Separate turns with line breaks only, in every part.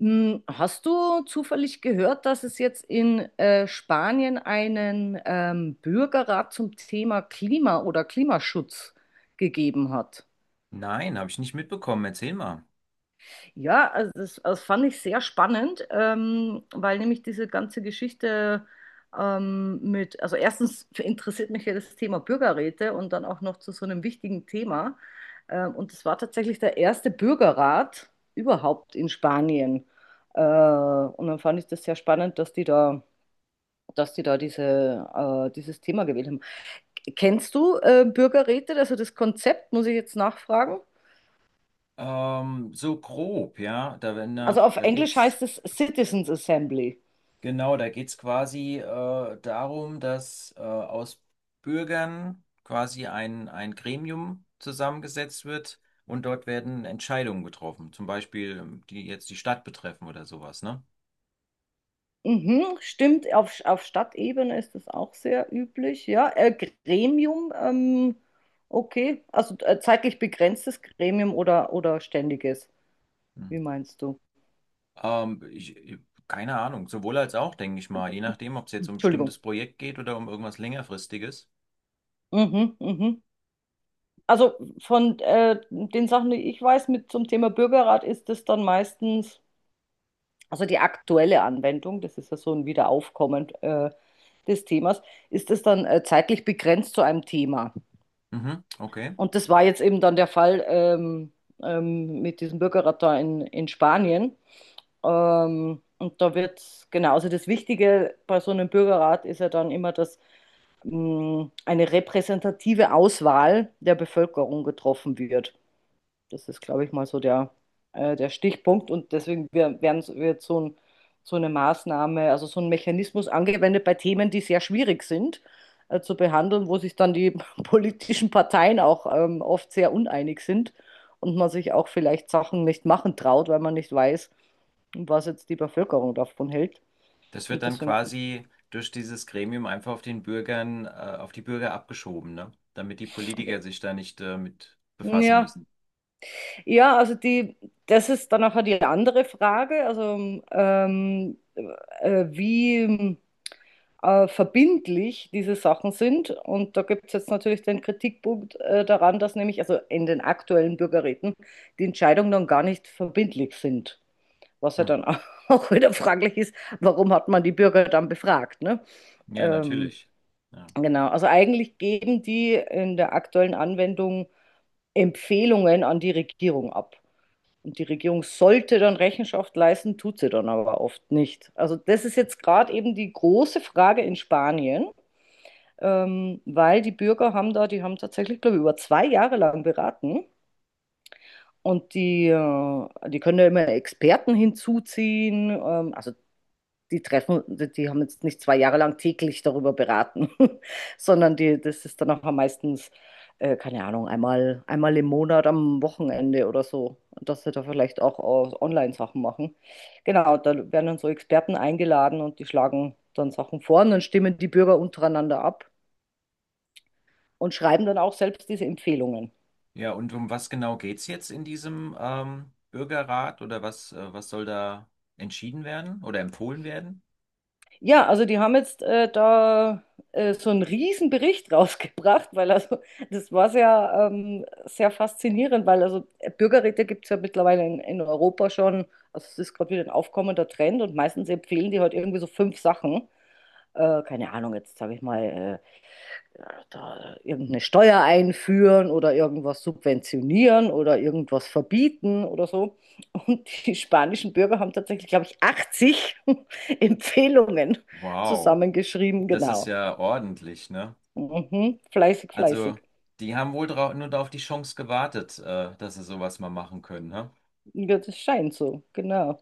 Hast du zufällig gehört, dass es jetzt in Spanien einen Bürgerrat zum Thema Klima oder Klimaschutz gegeben hat?
Nein, habe ich nicht mitbekommen. Erzähl mal.
Ja, also das fand ich sehr spannend, weil nämlich diese ganze Geschichte also erstens interessiert mich ja das Thema Bürgerräte und dann auch noch zu so einem wichtigen Thema. Und das war tatsächlich der erste Bürgerrat überhaupt in Spanien. Und dann fand ich das sehr spannend, dass die da diese, dieses Thema gewählt haben. Kennst du Bürgerräte? Also das Konzept muss ich jetzt nachfragen.
So grob, ja. Da wenn
Also
nach,
auf
da
Englisch
geht's,
heißt es Citizens Assembly.
genau, da geht's quasi darum, dass aus Bürgern quasi ein Gremium zusammengesetzt wird und dort werden Entscheidungen getroffen. Zum Beispiel, die jetzt die Stadt betreffen oder sowas, ne?
Mhm, stimmt, auf Stadtebene ist das auch sehr üblich. Ja, Gremium, okay, also zeitlich begrenztes Gremium oder ständiges, wie
Mhm.
meinst du?
Ähm, ich, ich- Keine Ahnung, sowohl als auch, denke ich mal, je nachdem, ob es jetzt um ein
Entschuldigung.
bestimmtes Projekt geht oder um irgendwas längerfristiges.
Mhm, mhm. Also von den Sachen, die ich weiß mit zum Thema Bürgerrat, ist das dann meistens, also die aktuelle Anwendung, das ist ja so ein Wiederaufkommen des Themas, ist es dann zeitlich begrenzt zu einem Thema.
Mhm, okay.
Und das war jetzt eben dann der Fall mit diesem Bürgerrat da in Spanien. Und da wird Genau, also das Wichtige bei so einem Bürgerrat ist ja dann immer, dass eine repräsentative Auswahl der Bevölkerung getroffen wird. Das ist, glaube ich, mal so der, der Stichpunkt. Und deswegen wird so ein, so eine Maßnahme, also so ein Mechanismus angewendet bei Themen, die sehr schwierig sind, zu behandeln, wo sich dann die politischen Parteien auch oft sehr uneinig sind und man sich auch vielleicht Sachen nicht machen traut, weil man nicht weiß, was jetzt die Bevölkerung davon hält.
Das wird
Und
dann
deswegen, finde
quasi durch dieses Gremium einfach auf den Bürger abgeschoben, ne? Damit die Politiker sich da nicht, mit befassen
ja,
müssen.
ja, also die, das ist dann auch die andere Frage. Also wie. Verbindlich diese Sachen sind. Und da gibt es jetzt natürlich den Kritikpunkt daran, dass nämlich, also in den aktuellen Bürgerräten, die Entscheidungen dann gar nicht verbindlich sind. Was ja
Hm.
dann auch auch wieder fraglich ist, warum hat man die Bürger dann befragt, ne?
Ja,
Ähm,
natürlich. Ja.
genau, also eigentlich geben die in der aktuellen Anwendung Empfehlungen an die Regierung ab. Und die Regierung sollte dann Rechenschaft leisten, tut sie dann aber oft nicht. Also das ist jetzt gerade eben die große Frage in Spanien, weil die Bürger haben da, die haben tatsächlich, glaube ich, über 2 Jahre lang beraten und die, die können ja immer Experten hinzuziehen. Also die treffen, die haben jetzt nicht 2 Jahre lang täglich darüber beraten, sondern die, das ist dann auch meistens, keine Ahnung, einmal im Monat am Wochenende oder so, dass sie da vielleicht auch Online-Sachen machen. Genau, da werden dann so Experten eingeladen und die schlagen dann Sachen vor und dann stimmen die Bürger untereinander ab und schreiben dann auch selbst diese Empfehlungen.
Ja, und um was genau geht's jetzt in diesem, Bürgerrat oder was, was soll da entschieden werden oder empfohlen werden?
Ja, also die haben jetzt da so einen riesen Bericht rausgebracht, weil also das war sehr, sehr faszinierend, weil also Bürgerräte gibt es ja mittlerweile in Europa schon, also es ist gerade wieder ein aufkommender Trend und meistens empfehlen die halt irgendwie so fünf Sachen. Keine Ahnung, jetzt sage ich mal, da irgendeine Steuer einführen oder irgendwas subventionieren oder irgendwas verbieten oder so. Und die spanischen Bürger haben tatsächlich, glaube ich, 80 Empfehlungen
Wow,
zusammengeschrieben,
das ist
genau.
ja ordentlich, ne?
Mhm. Fleißig,
Also,
fleißig.
die haben wohl nur auf die Chance gewartet, dass sie sowas mal machen können, ne?
Ja, das scheint so, genau.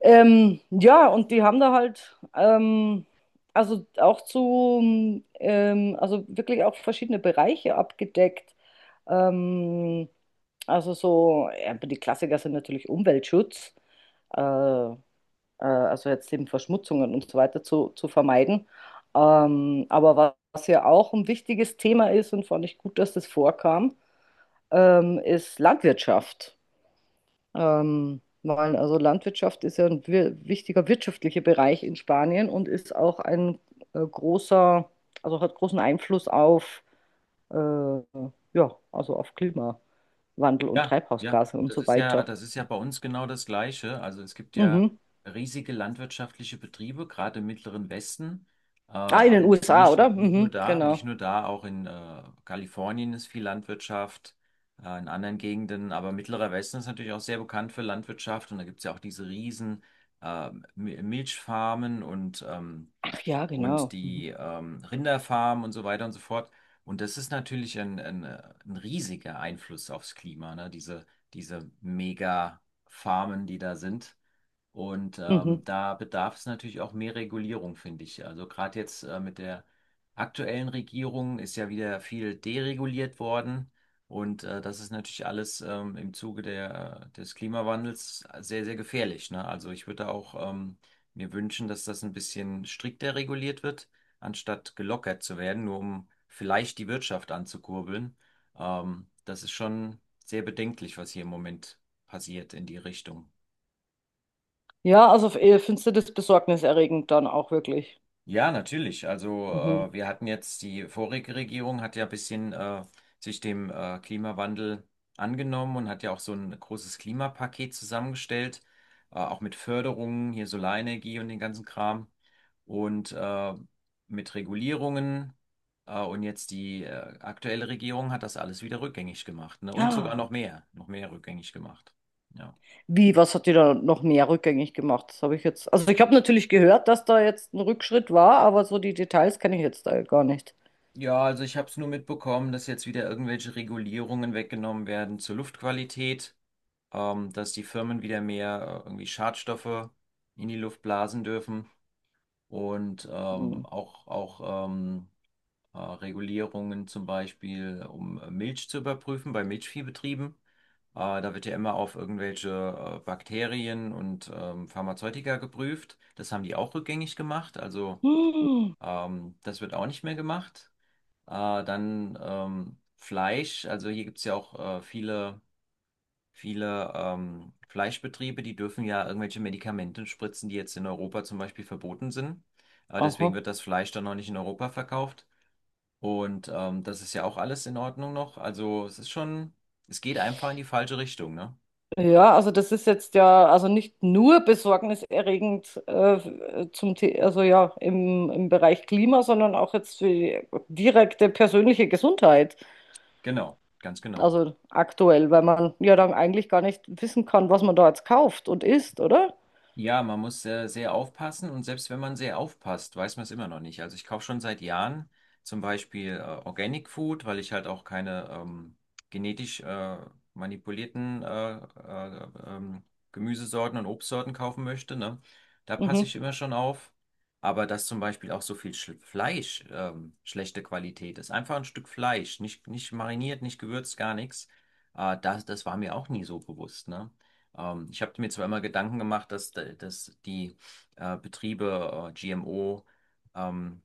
Ja, und die haben da halt, also wirklich auch verschiedene Bereiche abgedeckt. Ähm, also so, ja, die Klassiker sind natürlich Umweltschutz, äh, äh, also jetzt eben Verschmutzungen und so weiter zu vermeiden. Was ja auch ein wichtiges Thema ist und fand ich gut, dass das vorkam, ist Landwirtschaft. Weil also Landwirtschaft ist ja ein wichtiger wirtschaftlicher Bereich in Spanien und ist auch ein äh, großer, also hat großen Einfluss auf, äh, ja, also auf Klimawandel und
Ja, ja,
Treibhausgase und
das
so
ist ja,
weiter.
das ist ja bei uns genau das Gleiche. Also es gibt ja
Mhm.
riesige landwirtschaftliche Betriebe, gerade im Mittleren Westen, äh,
Ah, in den
aber ni-
USA,
nicht,
oder?
nicht nur
Mhm,
da,
genau.
auch in Kalifornien ist viel Landwirtschaft, in anderen Gegenden, aber Mittlerer Westen ist natürlich auch sehr bekannt für Landwirtschaft und da gibt es ja auch diese riesen äh, Milchfarmen und
Ach ja,
und
genau. Mhm.
die Rinderfarmen und so weiter und so fort. Und das ist natürlich ein riesiger Einfluss aufs Klima, ne? Diese Mega-Farmen, die da sind. Und
Mhm.
da bedarf es natürlich auch mehr Regulierung, finde ich. Also gerade jetzt mit der aktuellen Regierung ist ja wieder viel dereguliert worden. Und das ist natürlich alles im Zuge des Klimawandels sehr gefährlich, ne? Also ich würde da auch mir wünschen, dass das ein bisschen strikter reguliert wird, anstatt gelockert zu werden, nur um vielleicht die Wirtschaft anzukurbeln. Das ist schon sehr bedenklich, was hier im Moment passiert in die Richtung.
Ja, also findest du das besorgniserregend dann auch wirklich.
Ja, natürlich. Also
Mhm.
wir hatten jetzt, die vorige Regierung hat ja ein bisschen sich dem Klimawandel angenommen und hat ja auch so ein großes Klimapaket zusammengestellt, auch mit Förderungen, hier Solarenergie und den ganzen Kram und mit Regulierungen. Und jetzt die aktuelle Regierung hat das alles wieder rückgängig gemacht, ne? Und sogar
Ah.
noch mehr rückgängig gemacht. Ja.
Wie, was hat die da noch mehr rückgängig gemacht? Das habe ich jetzt. Also ich habe natürlich gehört, dass da jetzt ein Rückschritt war, aber so die Details kenne ich jetzt da gar nicht.
Ja, also ich habe es nur mitbekommen, dass jetzt wieder irgendwelche Regulierungen weggenommen werden zur Luftqualität, dass die Firmen wieder mehr irgendwie Schadstoffe in die Luft blasen dürfen und
Hm.
auch Regulierungen zum Beispiel, um Milch zu überprüfen bei Milchviehbetrieben. Da wird ja immer auf irgendwelche Bakterien und Pharmazeutika geprüft. Das haben die auch rückgängig gemacht, also
Hm.
das wird auch nicht mehr gemacht. Dann Fleisch, also hier gibt es ja auch viele Fleischbetriebe, die dürfen ja irgendwelche Medikamente spritzen, die jetzt in Europa zum Beispiel verboten sind. Deswegen
Aha.
wird das Fleisch dann noch nicht in Europa verkauft. Und das ist ja auch alles in Ordnung noch. Also es ist schon, es geht einfach in die falsche Richtung, ne?
Ja, also das ist jetzt ja also nicht nur besorgniserregend zum The also ja im Bereich Klima, sondern auch jetzt für die direkte persönliche Gesundheit.
Genau, ganz genau.
Also aktuell, weil man ja dann eigentlich gar nicht wissen kann, was man da jetzt kauft und isst, oder?
Ja, man muss sehr aufpassen und selbst wenn man sehr aufpasst, weiß man es immer noch nicht. Also ich kaufe schon seit Jahren zum Beispiel Organic Food, weil ich halt auch keine genetisch manipulierten Gemüsesorten und Obstsorten kaufen möchte, ne? Da passe
Mhm.
ich immer schon auf. Aber dass zum Beispiel auch so viel Sch Fleisch schlechte Qualität ist, einfach ein Stück Fleisch, nicht mariniert, nicht gewürzt, gar nichts, das war mir auch nie so bewusst, ne? Ich habe mir zweimal Gedanken gemacht, dass die Betriebe GMO, ähm,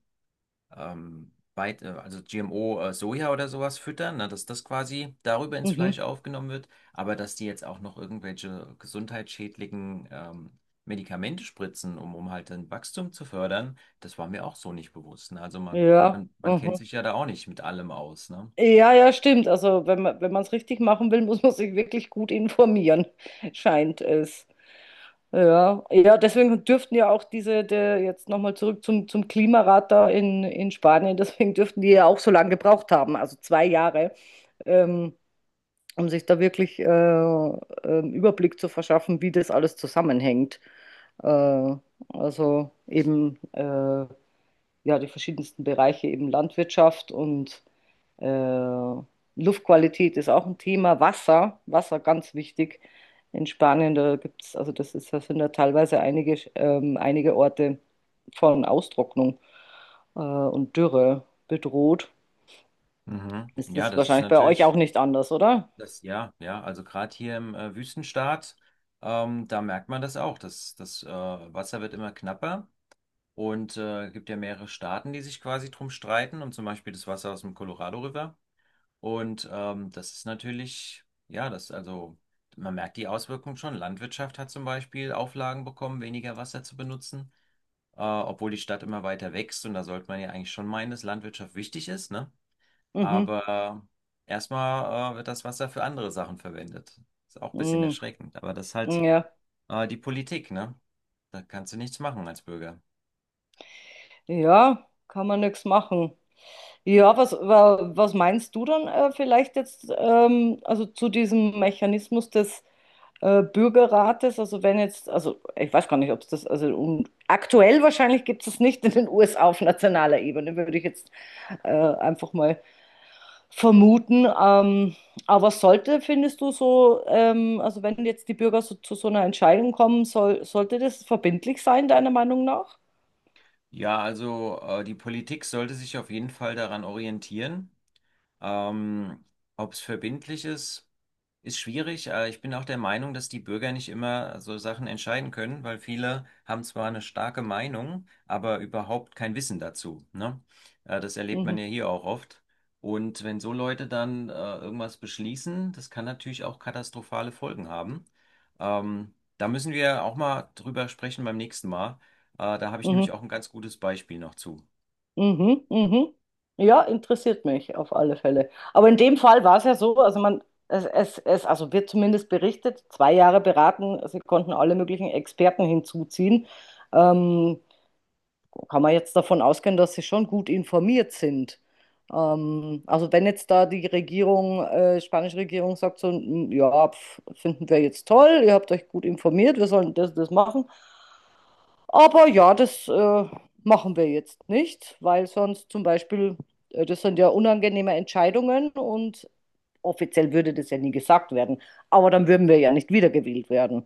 also GMO Soja oder sowas füttern, ne, dass das quasi darüber ins
Mhm.
Fleisch aufgenommen wird, aber dass die jetzt auch noch irgendwelche gesundheitsschädlichen Medikamente spritzen, um halt ein Wachstum zu fördern, das war mir auch so nicht bewusst. Ne? Also
Ja.
man kennt
Mhm.
sich ja da auch nicht mit allem aus. Ne?
Ja, ja, stimmt. Also wenn man es richtig machen will, muss man sich wirklich gut informieren, scheint es. Ja, ja, deswegen dürften ja auch jetzt nochmal zurück zum Klimarat da in Spanien, deswegen dürften die ja auch so lange gebraucht haben, also 2 Jahre, ähm, um sich da wirklich einen Überblick zu verschaffen, wie das alles zusammenhängt. Äh, also eben äh, ja, die verschiedensten Bereiche, eben Landwirtschaft und äh, Luftqualität ist auch ein Thema. Wasser, Wasser ganz wichtig. In Spanien, da gibt's, das sind da teilweise einige Orte von Austrocknung und Dürre bedroht.
Mhm.
Ist
Ja,
das
das ist
wahrscheinlich bei euch
natürlich.
auch nicht anders, oder?
Ja, ja, also gerade hier im Wüstenstaat, da merkt man das auch. Das Wasser wird immer knapper und gibt ja mehrere Staaten, die sich quasi drum streiten, um zum Beispiel das Wasser aus dem Colorado River. Und das ist natürlich, also man merkt die Auswirkungen schon. Landwirtschaft hat zum Beispiel Auflagen bekommen, weniger Wasser zu benutzen, obwohl die Stadt immer weiter wächst. Und da sollte man ja eigentlich schon meinen, dass Landwirtschaft wichtig ist, ne?
Mhm.
Aber erstmal wird das Wasser für andere Sachen verwendet. Ist auch ein bisschen
Mhm.
erschreckend, aber das ist halt
Mhm, ja.
die Politik, ne? Da kannst du nichts machen als Bürger.
Ja, kann man nichts machen. Ja, was meinst du dann vielleicht jetzt also zu diesem Mechanismus des Bürgerrates. Also wenn jetzt, also ich weiß gar nicht, ob es das, also um, aktuell wahrscheinlich gibt es es nicht in den USA auf nationaler Ebene, würde ich jetzt einfach mal vermuten. Aber sollte, findest du so, also wenn jetzt die Bürger so, zu so einer Entscheidung kommen, soll, sollte das verbindlich sein, deiner Meinung nach?
Ja, also die Politik sollte sich auf jeden Fall daran orientieren. Ähm, ob es verbindlich ist, ist schwierig. Ich bin auch der Meinung, dass die Bürger nicht immer so Sachen entscheiden können, weil viele haben zwar eine starke Meinung, aber überhaupt kein Wissen dazu, ne? Das erlebt man
Mhm.
ja hier auch oft. Und wenn so Leute dann irgendwas beschließen, das kann natürlich auch katastrophale Folgen haben. Ähm, da müssen wir auch mal drüber sprechen beim nächsten Mal. Da habe ich
Mhm.
nämlich auch ein ganz gutes Beispiel noch zu.
Mhm, mhm. Ja, interessiert mich auf alle Fälle. Aber in dem Fall war es ja so, also man, also wird zumindest berichtet, zwei Jahre beraten, sie konnten alle möglichen Experten hinzuziehen. Ähm, Kann man jetzt davon ausgehen, dass sie schon gut informiert sind. Also wenn jetzt da die Regierung, spanische Regierung sagt so: "M, ja, pf, finden wir jetzt toll, ihr habt euch gut informiert, wir sollen das machen. Aber ja, das machen wir jetzt nicht, weil sonst zum Beispiel, das sind ja unangenehme Entscheidungen und offiziell würde das ja nie gesagt werden, aber dann würden wir ja nicht wiedergewählt werden.